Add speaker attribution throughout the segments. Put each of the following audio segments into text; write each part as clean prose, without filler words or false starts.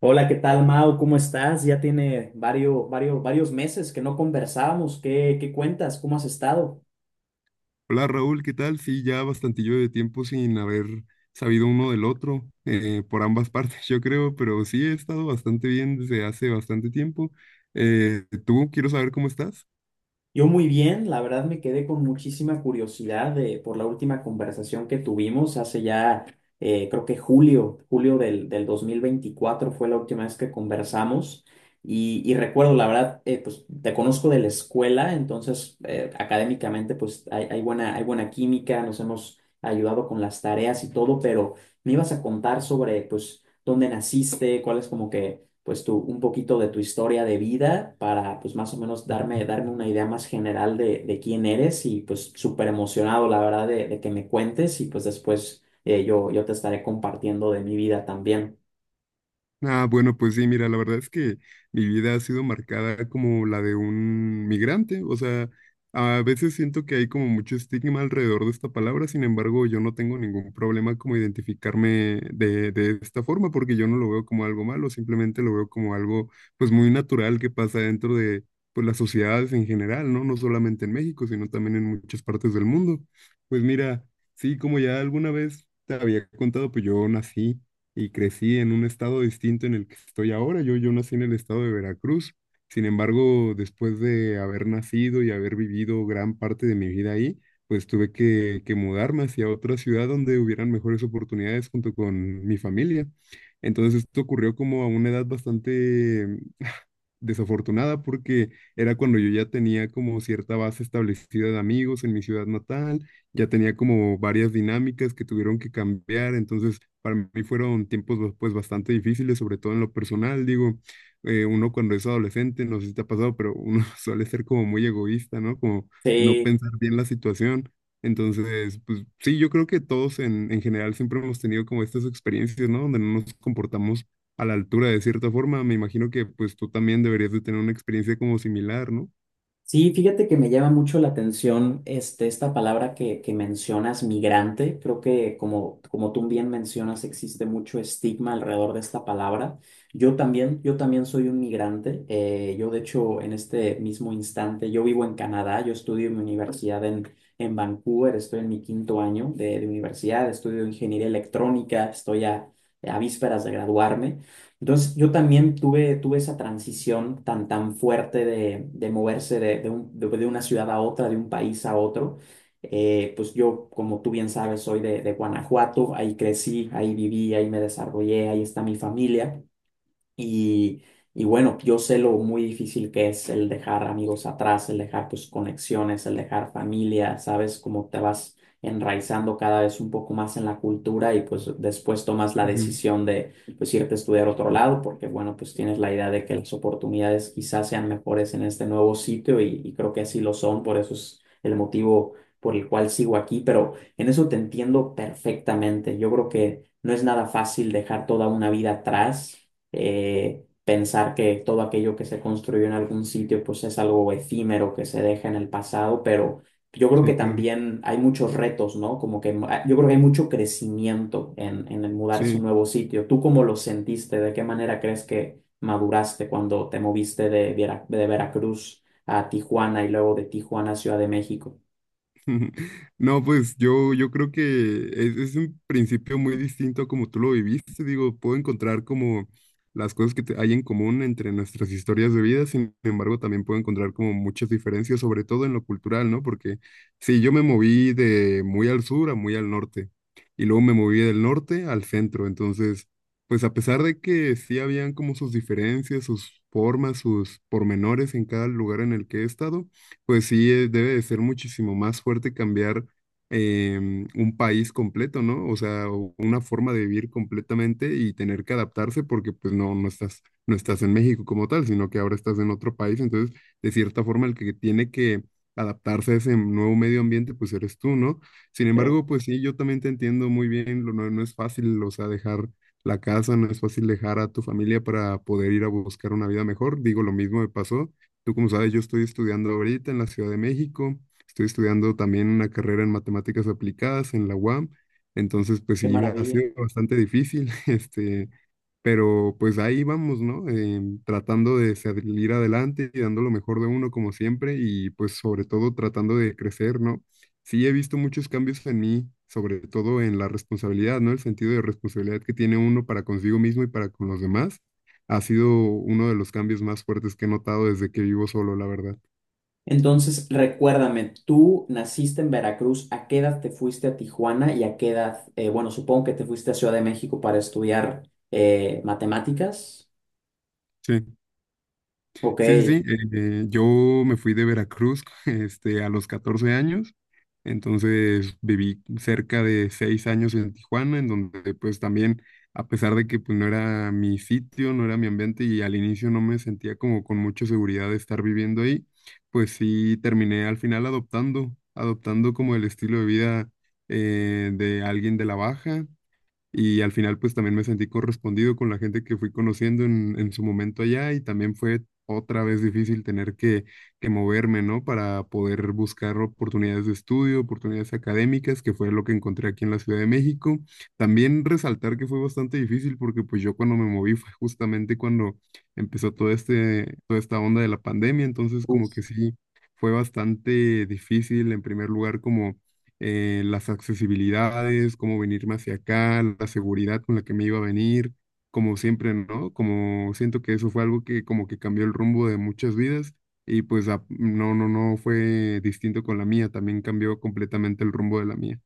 Speaker 1: Hola, ¿qué tal, Mau? ¿Cómo estás? Ya tiene varios, varios, varios meses que no conversábamos. ¿Qué cuentas? ¿Cómo has estado?
Speaker 2: Hola Raúl, ¿qué tal? Sí, ya bastantillo de tiempo sin haber sabido uno del otro, por ambas partes yo creo, pero sí he estado bastante bien desde hace bastante tiempo. ¿Tú quiero saber cómo estás?
Speaker 1: Yo muy bien, la verdad me quedé con muchísima curiosidad por la última conversación que tuvimos hace ya, creo que julio del 2024 fue la última vez que conversamos y recuerdo, la verdad, pues te conozco de la escuela, entonces académicamente pues hay buena química, nos hemos ayudado con las tareas y todo, pero me ibas a contar sobre pues dónde naciste, cuál es como que pues un poquito de tu historia de vida para pues más o menos darme una idea más general de quién eres y pues súper emocionado la verdad de que me cuentes y pues después yo te estaré compartiendo de mi vida también.
Speaker 2: Ah, bueno, pues sí, mira, la verdad es que mi vida ha sido marcada como la de un migrante, o sea, a veces siento que hay como mucho estigma alrededor de esta palabra, sin embargo, yo no tengo ningún problema como identificarme de esta forma, porque yo no lo veo como algo malo, simplemente lo veo como algo pues muy natural que pasa dentro de pues las sociedades en general, ¿no? No solamente en México, sino también en muchas partes del mundo. Pues mira, sí, como ya alguna vez te había contado, pues yo nací y crecí en un estado distinto en el que estoy ahora. Yo nací en el estado de Veracruz. Sin embargo, después de haber nacido y haber vivido gran parte de mi vida ahí, pues tuve que mudarme hacia otra ciudad donde hubieran mejores oportunidades junto con mi familia. Entonces esto ocurrió como a una edad bastante desafortunada porque era cuando yo ya tenía como cierta base establecida de amigos en mi ciudad natal, ya tenía como varias dinámicas que tuvieron que cambiar, entonces para mí fueron tiempos pues bastante difíciles, sobre todo en lo personal, digo, uno cuando es adolescente, no sé si te ha pasado, pero uno suele ser como muy egoísta, ¿no? Como no
Speaker 1: Sí.
Speaker 2: pensar bien la situación. Entonces, pues sí, yo creo que todos en general siempre hemos tenido como estas experiencias, ¿no? Donde no nos comportamos a la altura de cierta forma. Me imagino que pues tú también deberías de tener una experiencia como similar, ¿no?
Speaker 1: Sí, fíjate que me llama mucho la atención esta palabra que mencionas, migrante. Creo que como tú bien mencionas, existe mucho estigma alrededor de esta palabra. Yo también soy un migrante. Yo, de hecho, en este mismo instante, yo vivo en Canadá, yo estudio en mi universidad en Vancouver, estoy en mi quinto año de universidad, estudio ingeniería electrónica, estoy a vísperas de graduarme. Entonces, yo también tuve esa transición tan, tan fuerte de moverse de una ciudad a otra, de un país a otro. Pues yo, como tú bien sabes, soy de Guanajuato, ahí crecí, ahí viví, ahí me desarrollé, ahí está mi familia. Y, y bueno, yo sé lo muy difícil que es el dejar amigos atrás, el dejar tus conexiones, el dejar familia, sabes cómo te vas enraizando cada vez un poco más en la cultura y pues después tomas la
Speaker 2: Ujú.
Speaker 1: decisión de pues irte a estudiar a otro lado porque bueno, pues tienes la idea de que las oportunidades quizás sean mejores en este nuevo sitio y creo que así lo son, por eso es el motivo por el cual sigo aquí, pero en eso te entiendo perfectamente. Yo creo que no es nada fácil dejar toda una vida atrás, pensar que todo aquello que se construyó en algún sitio pues es algo efímero que se deja en el pasado, pero yo creo que
Speaker 2: Sí, claro.
Speaker 1: también hay muchos retos, ¿no? Como que yo creo que hay mucho crecimiento en el mudarse a
Speaker 2: Sí.
Speaker 1: un nuevo sitio. ¿Tú cómo lo sentiste? ¿De qué manera crees que maduraste cuando te moviste de Veracruz a Tijuana y luego de Tijuana a Ciudad de México?
Speaker 2: No, pues yo creo que es un principio muy distinto a como tú lo viviste. Digo, puedo encontrar como las cosas hay en común entre nuestras historias de vida, sin embargo, también puedo encontrar como muchas diferencias, sobre todo en lo cultural, ¿no? Porque sí, yo me moví de muy al sur a muy al norte, y luego me moví del norte al centro. Entonces, pues a pesar de que sí habían como sus diferencias, sus formas, sus pormenores en cada lugar en el que he estado. Pues sí, debe de ser muchísimo más fuerte cambiar un país completo, ¿no? O sea, o una forma de vivir completamente y tener que adaptarse porque pues no, no estás en México como tal, sino que ahora estás en otro país. Entonces, de cierta forma, el que tiene que adaptarse a ese nuevo medio ambiente, pues eres tú, ¿no? Sin
Speaker 1: Sí,
Speaker 2: embargo, pues sí, yo también te entiendo muy bien, no, no es fácil, o sea, dejar la casa, no es fácil dejar a tu familia para poder ir a buscar una vida mejor. Digo, lo mismo me pasó. Tú, como sabes, yo estoy estudiando ahorita en la Ciudad de México. Estoy estudiando también una carrera en matemáticas aplicadas en la UAM. Entonces, pues
Speaker 1: qué
Speaker 2: sí, ha
Speaker 1: maravilla.
Speaker 2: sido bastante difícil, este, pero pues ahí vamos, ¿no? Tratando de salir adelante y dando lo mejor de uno como siempre y pues sobre todo tratando de crecer, ¿no? Sí, he visto muchos cambios en mí, sobre todo en la responsabilidad, ¿no? El sentido de responsabilidad que tiene uno para consigo mismo y para con los demás ha sido uno de los cambios más fuertes que he notado desde que vivo solo, la verdad.
Speaker 1: Entonces, recuérdame, tú naciste en Veracruz, ¿a qué edad te fuiste a Tijuana y a qué edad, bueno, supongo que te fuiste a Ciudad de México para estudiar matemáticas?
Speaker 2: Sí,
Speaker 1: Ok.
Speaker 2: sí, sí, sí. Yo me fui de Veracruz, este, a los 14 años, entonces viví cerca de 6 años en Tijuana, en donde pues también, a pesar de que pues no era mi sitio, no era mi ambiente y al inicio no me sentía como con mucha seguridad de estar viviendo ahí, pues sí terminé al final adoptando como el estilo de vida, de alguien de la baja. Y al final, pues también me sentí correspondido con la gente que fui conociendo en su momento allá y también fue otra vez difícil tener que moverme, ¿no? Para poder buscar oportunidades de estudio, oportunidades académicas, que fue lo que encontré aquí en la Ciudad de México. También resaltar que fue bastante difícil porque pues yo cuando me moví fue justamente cuando empezó toda esta onda de la pandemia, entonces como que sí, fue bastante difícil en primer lugar como, las accesibilidades, cómo venirme hacia acá, la seguridad con la que me iba a venir, como siempre, ¿no? Como siento que eso fue algo que como que cambió el rumbo de muchas vidas y pues no, no, no fue distinto con la mía, también cambió completamente el rumbo de la mía.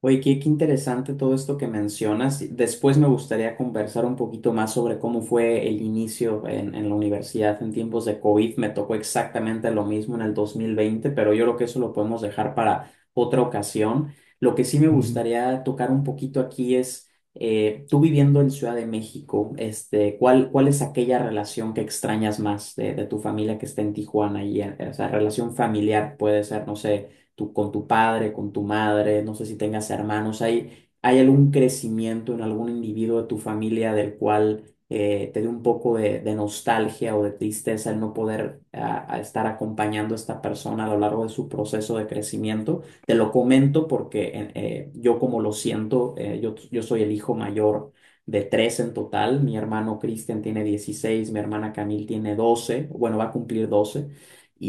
Speaker 1: Oye, qué interesante todo esto que mencionas. Después me gustaría conversar un poquito más sobre cómo fue el inicio en la universidad en tiempos de COVID. Me tocó exactamente lo mismo en el 2020, pero yo creo que eso lo podemos dejar para otra ocasión. Lo que sí me
Speaker 2: Ujú.
Speaker 1: gustaría tocar un poquito aquí es, tú viviendo en Ciudad de México, ¿cuál es aquella relación que extrañas más de tu familia que está en Tijuana? Y esa relación familiar puede ser, no sé, tu con tu padre, con tu madre, no sé si tengas hermanos. Hay algún crecimiento en algún individuo de tu familia del cual te dé un poco de nostalgia o de tristeza el no poder a estar acompañando a esta persona a lo largo de su proceso de crecimiento? Te lo comento porque yo como lo siento, yo soy el hijo mayor de tres en total. Mi hermano Cristian tiene 16, mi hermana Camil tiene 12, bueno, va a cumplir 12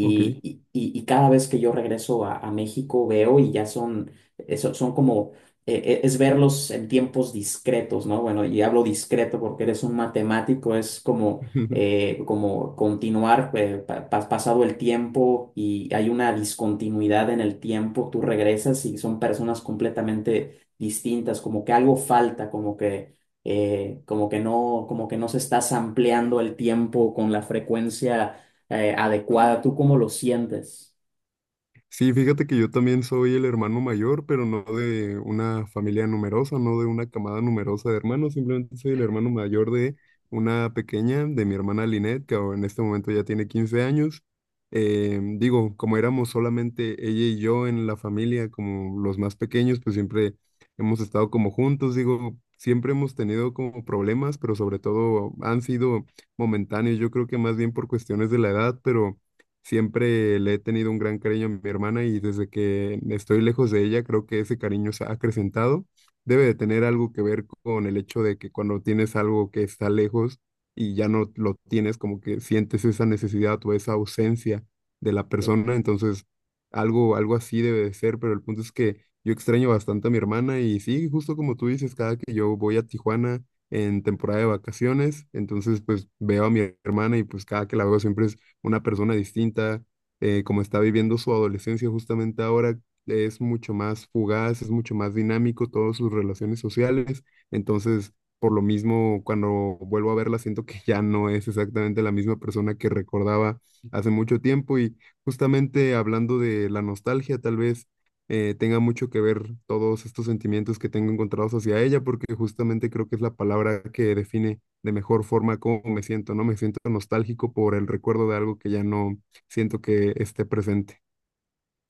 Speaker 2: Ok.
Speaker 1: y- y- y cada vez que yo regreso a México veo y ya son, eso, son como, es verlos en tiempos discretos, ¿no? Bueno, y hablo discreto porque eres un matemático, es como como continuar, pasado el tiempo y hay una discontinuidad en el tiempo, tú regresas y son personas completamente distintas, como que algo falta, como que como que no se está ampliando el tiempo con la frecuencia adecuada. ¿Tú cómo lo sientes?
Speaker 2: Sí, fíjate que yo también soy el hermano mayor, pero no de una familia numerosa, no de una camada numerosa de hermanos, simplemente soy el hermano mayor de una pequeña, de mi hermana Linet, que ahora en este momento ya tiene 15 años. Digo, como éramos solamente ella y yo en la familia, como los más pequeños, pues siempre hemos estado como juntos, digo, siempre hemos tenido como problemas, pero sobre todo han sido momentáneos, yo creo que más bien por cuestiones de la edad, pero... Siempre le he tenido un gran cariño a mi hermana y desde que estoy lejos de ella, creo que ese cariño se ha acrecentado. Debe de tener algo que ver con el hecho de que cuando tienes algo que está lejos y ya no lo tienes, como que sientes esa necesidad o esa ausencia de la persona. Entonces, algo, algo así debe de ser, pero el punto es que yo extraño bastante a mi hermana y sí, justo como tú dices, cada que yo voy a Tijuana en temporada de vacaciones, entonces pues veo a mi hermana y pues cada que la veo siempre es una persona distinta, como está viviendo su adolescencia justamente ahora, es mucho más fugaz, es mucho más dinámico todas sus relaciones sociales. Entonces, por lo mismo, cuando vuelvo a verla, siento que ya no es exactamente la misma persona que recordaba hace mucho tiempo. Y justamente hablando de la nostalgia, tal vez tenga mucho que ver todos estos sentimientos que tengo encontrados hacia ella, porque justamente creo que es la palabra que define de mejor forma cómo me siento, ¿no? Me siento nostálgico por el recuerdo de algo que ya no siento que esté presente.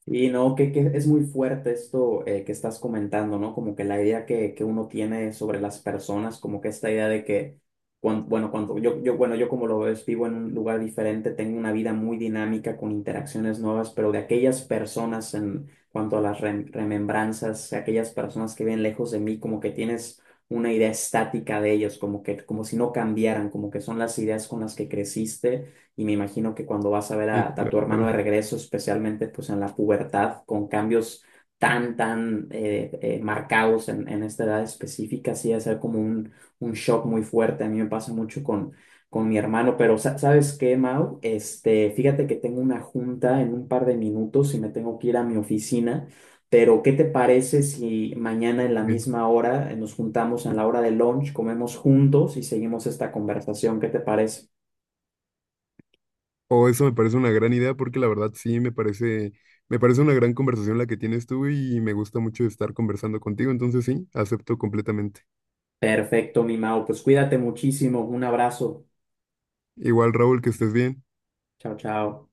Speaker 1: Y no, que es muy fuerte esto que estás comentando, ¿no? Como que la idea que uno tiene sobre las personas, como que esta idea de que, bueno, cuando bueno, yo como lo ves, vivo en un lugar diferente, tengo una vida muy dinámica con interacciones nuevas, pero de aquellas personas en cuanto a las remembranzas, aquellas personas que viven lejos de mí, como que tienes una idea estática de ellos, como que, como si no cambiaran, como que son las ideas con las que creciste. Y me imagino que cuando vas a ver
Speaker 2: Sí,
Speaker 1: a tu hermano de
Speaker 2: claro.
Speaker 1: regreso, especialmente pues en la pubertad, con cambios tan, tan marcados en esta edad específica, sí, va a ser como un, shock muy fuerte. A mí me pasa mucho con mi hermano. Pero, ¿sabes qué, Mau? Fíjate que tengo una junta en un par de minutos y me tengo que ir a mi oficina. Pero, ¿qué te parece si mañana en la
Speaker 2: Ok.
Speaker 1: misma hora nos juntamos en la hora de lunch, comemos juntos y seguimos esta conversación? ¿Qué te parece?
Speaker 2: O eso me parece una gran idea porque la verdad sí me parece una gran conversación la que tienes tú y me gusta mucho estar conversando contigo, entonces sí, acepto completamente.
Speaker 1: Perfecto, mi Mau. Pues cuídate muchísimo. Un abrazo.
Speaker 2: Igual, Raúl, que estés bien.
Speaker 1: Chao, chao.